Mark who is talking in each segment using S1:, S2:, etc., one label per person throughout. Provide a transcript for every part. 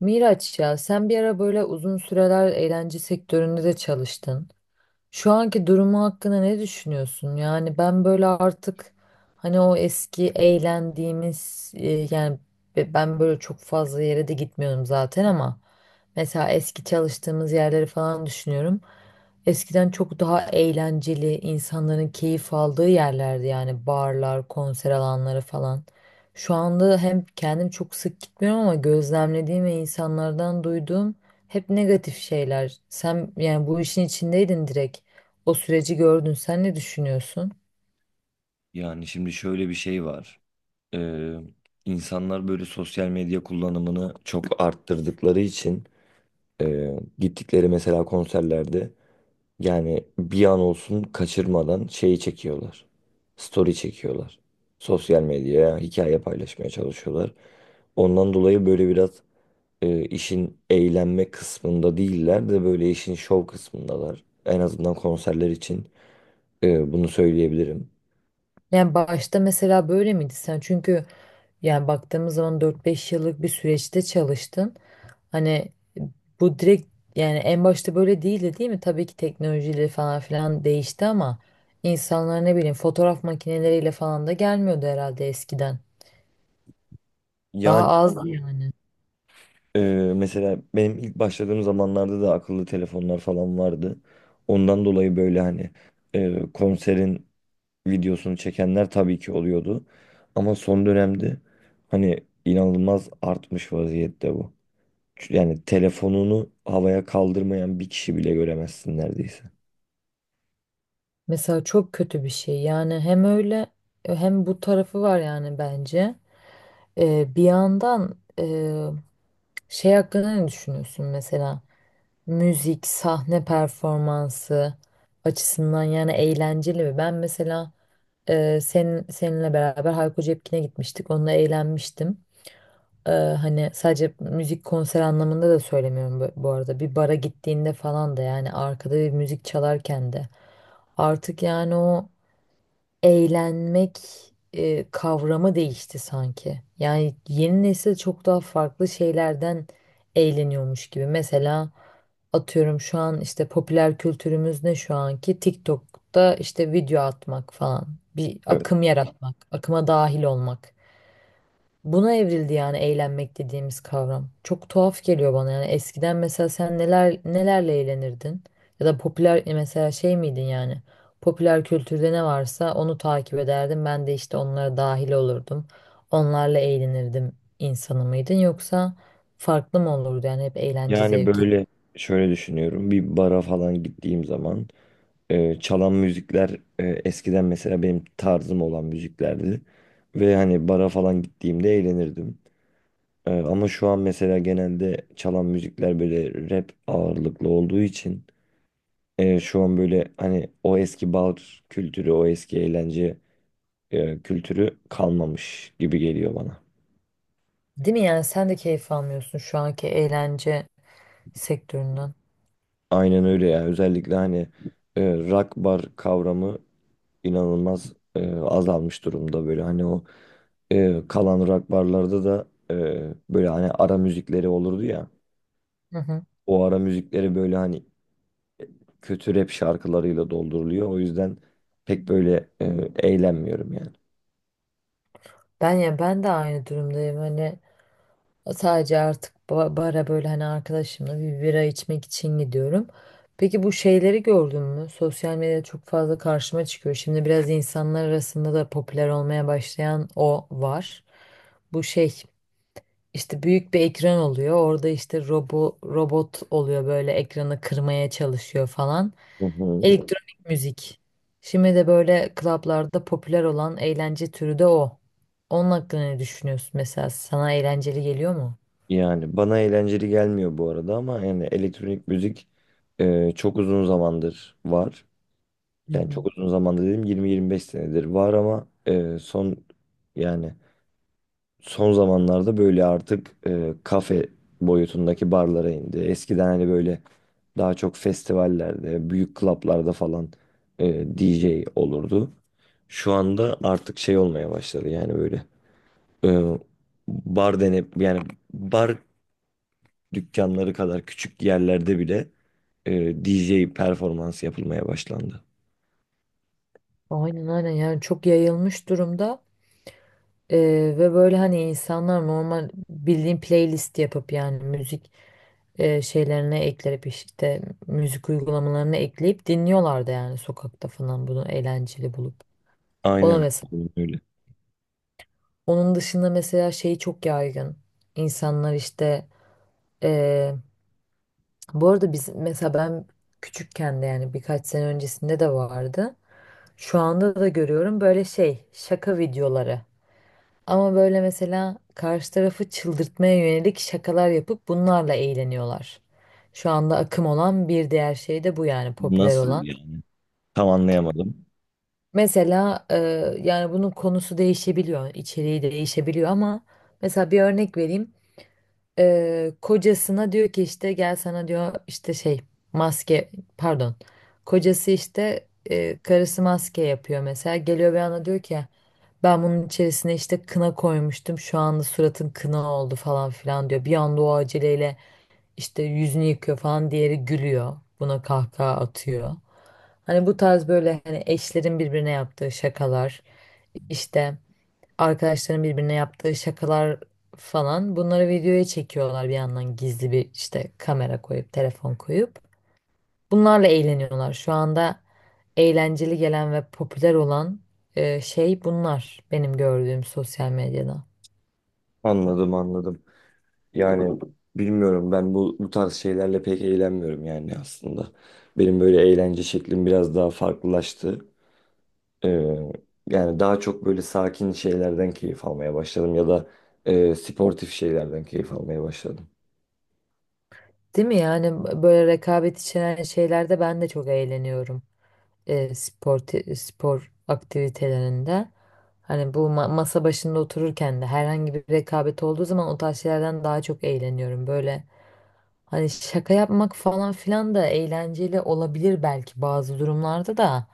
S1: Miraç, ya sen bir ara böyle uzun süreler eğlence sektöründe de çalıştın. Şu anki durumu hakkında ne düşünüyorsun? Yani ben böyle artık hani o eski eğlendiğimiz yani ben böyle çok fazla yere de gitmiyorum zaten ama mesela eski çalıştığımız yerleri falan düşünüyorum. Eskiden çok daha eğlenceli insanların keyif aldığı yerlerdi yani barlar, konser alanları falan. Şu anda hem kendim çok sık gitmiyorum ama gözlemlediğim ve insanlardan duyduğum hep negatif şeyler. Sen yani bu işin içindeydin direkt. O süreci gördün. Sen ne düşünüyorsun?
S2: Yani şimdi şöyle bir şey var. Ee, insanlar böyle sosyal medya kullanımını çok arttırdıkları için e, gittikleri mesela konserlerde yani bir an olsun kaçırmadan şeyi çekiyorlar. Story çekiyorlar. Sosyal medyaya hikaye paylaşmaya çalışıyorlar. Ondan dolayı böyle biraz işin eğlenme kısmında değiller de böyle işin şov kısmındalar. En azından konserler için bunu söyleyebilirim.
S1: Yani başta mesela böyle miydi sen? Çünkü yani baktığımız zaman dört beş yıllık bir süreçte çalıştın. Hani bu direkt yani en başta böyle değildi değil mi? Tabii ki teknolojiyle falan filan değişti ama insanlar ne bileyim fotoğraf makineleriyle falan da gelmiyordu herhalde eskiden. Daha
S2: Yani
S1: az yani.
S2: Ee, mesela benim ilk başladığım zamanlarda da akıllı telefonlar falan vardı. Ondan dolayı böyle hani konserin videosunu çekenler tabii ki oluyordu. Ama son dönemde hani inanılmaz artmış vaziyette bu. Yani telefonunu havaya kaldırmayan bir kişi bile göremezsin neredeyse.
S1: Mesela çok kötü bir şey. Yani hem öyle hem bu tarafı var yani bence. Bir yandan şey hakkında ne düşünüyorsun mesela? Müzik, sahne performansı açısından yani eğlenceli mi? Ben mesela seninle beraber Hayko Cepkin'e gitmiştik. Onunla eğlenmiştim. E, hani sadece müzik konser anlamında da söylemiyorum bu, bu arada. Bir bara gittiğinde falan da yani arkada bir müzik çalarken de. Artık yani o eğlenmek kavramı değişti sanki. Yani yeni nesil çok daha farklı şeylerden eğleniyormuş gibi. Mesela atıyorum şu an işte popüler kültürümüz ne şu anki? TikTok'ta işte video atmak falan. Bir
S2: Evet.
S1: akım yaratmak, akıma dahil olmak. Buna evrildi yani eğlenmek dediğimiz kavram. Çok tuhaf geliyor bana yani eskiden mesela sen neler nelerle eğlenirdin? Ya da popüler mesela şey miydin yani? Popüler kültürde ne varsa onu takip ederdim. Ben de işte onlara dahil olurdum. Onlarla eğlenirdim insanı mıydın yoksa farklı mı olurdu yani hep eğlence
S2: Yani
S1: zevki?
S2: böyle şöyle düşünüyorum. Bir bara falan gittiğim zaman çalan müzikler eskiden mesela benim tarzım olan müziklerdi. Ve hani bara falan gittiğimde eğlenirdim. Ama şu an mesela genelde çalan müzikler böyle rap ağırlıklı olduğu için şu an böyle hani o eski bar kültürü, o eski eğlence kültürü kalmamış gibi geliyor bana.
S1: Değil mi, yani sen de keyif almıyorsun şu anki eğlence sektöründen.
S2: Aynen öyle ya. Özellikle hani rock bar kavramı inanılmaz azalmış durumda, böyle hani o kalan rock barlarda da böyle hani ara müzikleri olurdu ya,
S1: Hı hı.
S2: o ara müzikleri böyle hani kötü rap şarkılarıyla dolduruluyor, o yüzden pek böyle eğlenmiyorum yani.
S1: Ben, ya ben de aynı durumdayım. Hani sadece artık bara böyle hani arkadaşımla bir bira içmek için gidiyorum. Peki bu şeyleri gördün mü? Sosyal medyada çok fazla karşıma çıkıyor. Şimdi biraz insanlar arasında da popüler olmaya başlayan o var. Bu şey işte büyük bir ekran oluyor. Orada işte robot oluyor böyle ekranı kırmaya çalışıyor falan.
S2: Hı hı.
S1: Elektronik müzik. Şimdi de böyle klaplarda popüler olan eğlence türü de o. Onun hakkında ne düşünüyorsun mesela? Sana eğlenceli geliyor mu?
S2: Yani bana eğlenceli gelmiyor bu arada, ama yani elektronik müzik çok uzun zamandır var.
S1: Hı
S2: Yani çok
S1: hı.
S2: uzun zamanda dedim, 20-25 senedir var, ama son yani son zamanlarda böyle artık kafe boyutundaki barlara indi. Eskiden hani böyle daha çok festivallerde, büyük klaplarda falan DJ olurdu. Şu anda artık şey olmaya başladı, yani böyle e, bar denip yani bar dükkanları kadar küçük yerlerde bile DJ performans yapılmaya başlandı.
S1: Aynen aynen, yani çok yayılmış durumda. Ee, Ve böyle hani insanlar normal bildiğin playlist yapıp yani müzik şeylerine ekleyip işte müzik uygulamalarına ekleyip dinliyorlardı yani sokakta falan bunu eğlenceli bulup. O da
S2: Aynen
S1: mesela.
S2: aynen öyle.
S1: Onun dışında mesela şey çok yaygın. İnsanlar işte, e, bu arada biz mesela ben küçükken de yani birkaç sene öncesinde de vardı. Şu anda da görüyorum böyle şey şaka videoları. Ama böyle mesela karşı tarafı çıldırtmaya yönelik şakalar yapıp bunlarla eğleniyorlar. Şu anda akım olan bir diğer şey de bu yani popüler
S2: Nasıl
S1: olan.
S2: yani? Tam anlayamadım.
S1: Mesela yani bunun konusu değişebiliyor, içeriği değişebiliyor ama mesela bir örnek vereyim. E, kocasına diyor ki işte gel sana diyor işte şey maske, pardon. Kocası işte karısı maske yapıyor mesela. Geliyor bir anda diyor ki ben bunun içerisine işte kına koymuştum. Şu anda suratın kına oldu falan filan diyor. Bir anda o aceleyle işte yüzünü yıkıyor falan. Diğeri gülüyor. Buna kahkaha atıyor. Hani bu tarz böyle hani eşlerin birbirine yaptığı şakalar, işte arkadaşların birbirine yaptığı şakalar falan bunları videoya çekiyorlar bir yandan gizli bir işte kamera koyup telefon koyup. Bunlarla eğleniyorlar. Şu anda eğlenceli gelen ve popüler olan şey bunlar benim gördüğüm sosyal medyada.
S2: Anladım anladım. Yani bilmiyorum, ben bu tarz şeylerle pek eğlenmiyorum yani aslında. Benim böyle eğlence şeklim biraz daha farklılaştı. Ee, yani daha çok böyle sakin şeylerden keyif almaya başladım, ya da sportif şeylerden keyif almaya başladım.
S1: Değil mi? Yani böyle rekabet içeren şeylerde ben de çok eğleniyorum. Spor aktivitelerinde hani bu masa başında otururken de herhangi bir rekabet olduğu zaman o tarz şeylerden daha çok eğleniyorum. Böyle hani şaka yapmak falan filan da eğlenceli olabilir belki bazı durumlarda da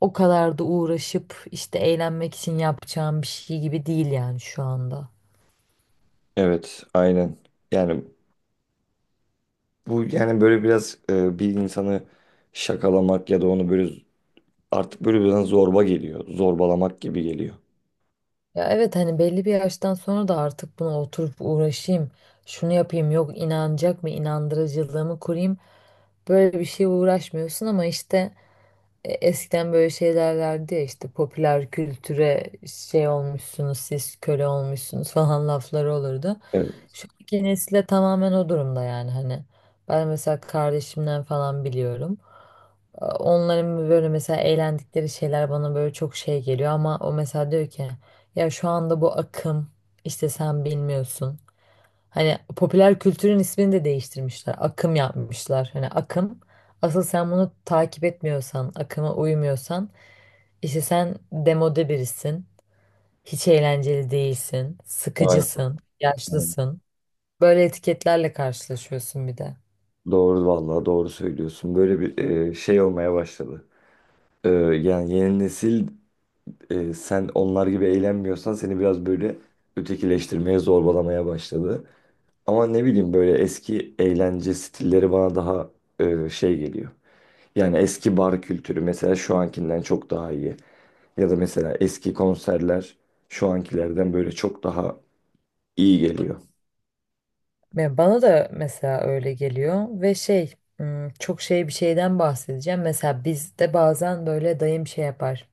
S1: o kadar da uğraşıp işte eğlenmek için yapacağım bir şey gibi değil yani şu anda.
S2: Evet, aynen. Yani bu yani böyle biraz bir insanı şakalamak ya da onu böyle artık böyle biraz zorba geliyor. Zorbalamak gibi geliyor.
S1: Ya evet, hani belli bir yaştan sonra da artık buna oturup uğraşayım. Şunu yapayım yok inanacak mı, inandırıcılığımı kurayım. Böyle bir şeye uğraşmıyorsun ama işte, eskiden böyle şey derlerdi ya işte popüler kültüre şey olmuşsunuz siz, köle olmuşsunuz falan lafları olurdu.
S2: Evet.
S1: Şu anki nesile tamamen o durumda yani hani ben mesela kardeşimden falan biliyorum. E, Onların böyle mesela eğlendikleri şeyler bana böyle çok şey geliyor ama o mesela diyor ki ya şu anda bu akım işte sen bilmiyorsun. Hani popüler kültürün ismini de değiştirmişler. Akım yapmışlar. Hani akım asıl sen bunu takip etmiyorsan, akıma uymuyorsan, işte sen demode birisin, hiç eğlenceli değilsin,
S2: Aynen,
S1: sıkıcısın,
S2: aynen.
S1: yaşlısın. Böyle etiketlerle karşılaşıyorsun bir de.
S2: Doğru vallahi, doğru söylüyorsun. Böyle bir şey olmaya başladı. Yani yeni nesil, sen onlar gibi eğlenmiyorsan seni biraz böyle ötekileştirmeye, zorbalamaya başladı. Ama ne bileyim, böyle eski eğlence stilleri bana daha şey geliyor. Yani eski bar kültürü mesela şu ankinden çok daha iyi. Ya da mesela eski konserler şu ankilerden böyle çok daha iyi geliyor.
S1: Ya bana da mesela öyle geliyor ve çok şey bir şeyden bahsedeceğim. Mesela bizde bazen böyle dayım şey yapar.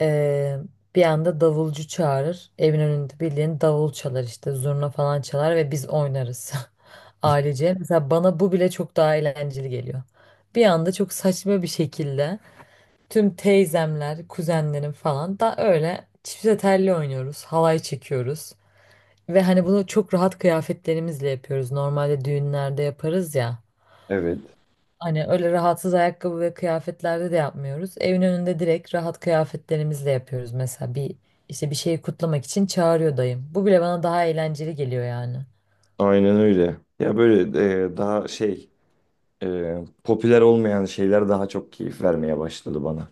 S1: Ee, Bir anda davulcu çağırır. Evin önünde bildiğin davul çalar işte zurna falan çalar ve biz oynarız. Ailece. Mesela bana bu bile çok daha eğlenceli geliyor. Bir anda çok saçma bir şekilde tüm teyzemler, kuzenlerim falan da öyle çifte telli oynuyoruz. Halay çekiyoruz. Ve hani bunu çok rahat kıyafetlerimizle yapıyoruz. Normalde düğünlerde yaparız ya.
S2: Evet.
S1: Hani öyle rahatsız ayakkabı ve kıyafetlerde de yapmıyoruz. Evin önünde direkt rahat kıyafetlerimizle yapıyoruz. Mesela bir işte bir şeyi kutlamak için çağırıyor dayım. Bu bile bana daha eğlenceli geliyor yani.
S2: Aynen öyle. Ya böyle daha şey popüler olmayan şeyler daha çok keyif vermeye başladı bana.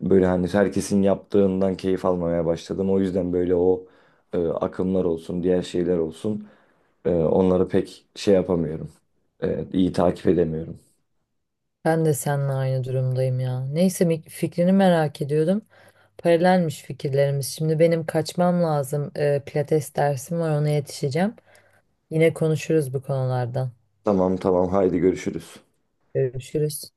S2: Böyle hani herkesin yaptığından keyif almamaya başladım. O yüzden böyle o akımlar olsun, diğer şeyler olsun onları pek şey yapamıyorum. İyi takip edemiyorum.
S1: Ben de seninle aynı durumdayım ya. Neyse, fikrini merak ediyordum. Paralelmiş fikirlerimiz. Şimdi benim kaçmam lazım. Pilates dersim var, ona yetişeceğim. Yine konuşuruz bu konulardan.
S2: Tamam tamam, haydi görüşürüz.
S1: Görüşürüz.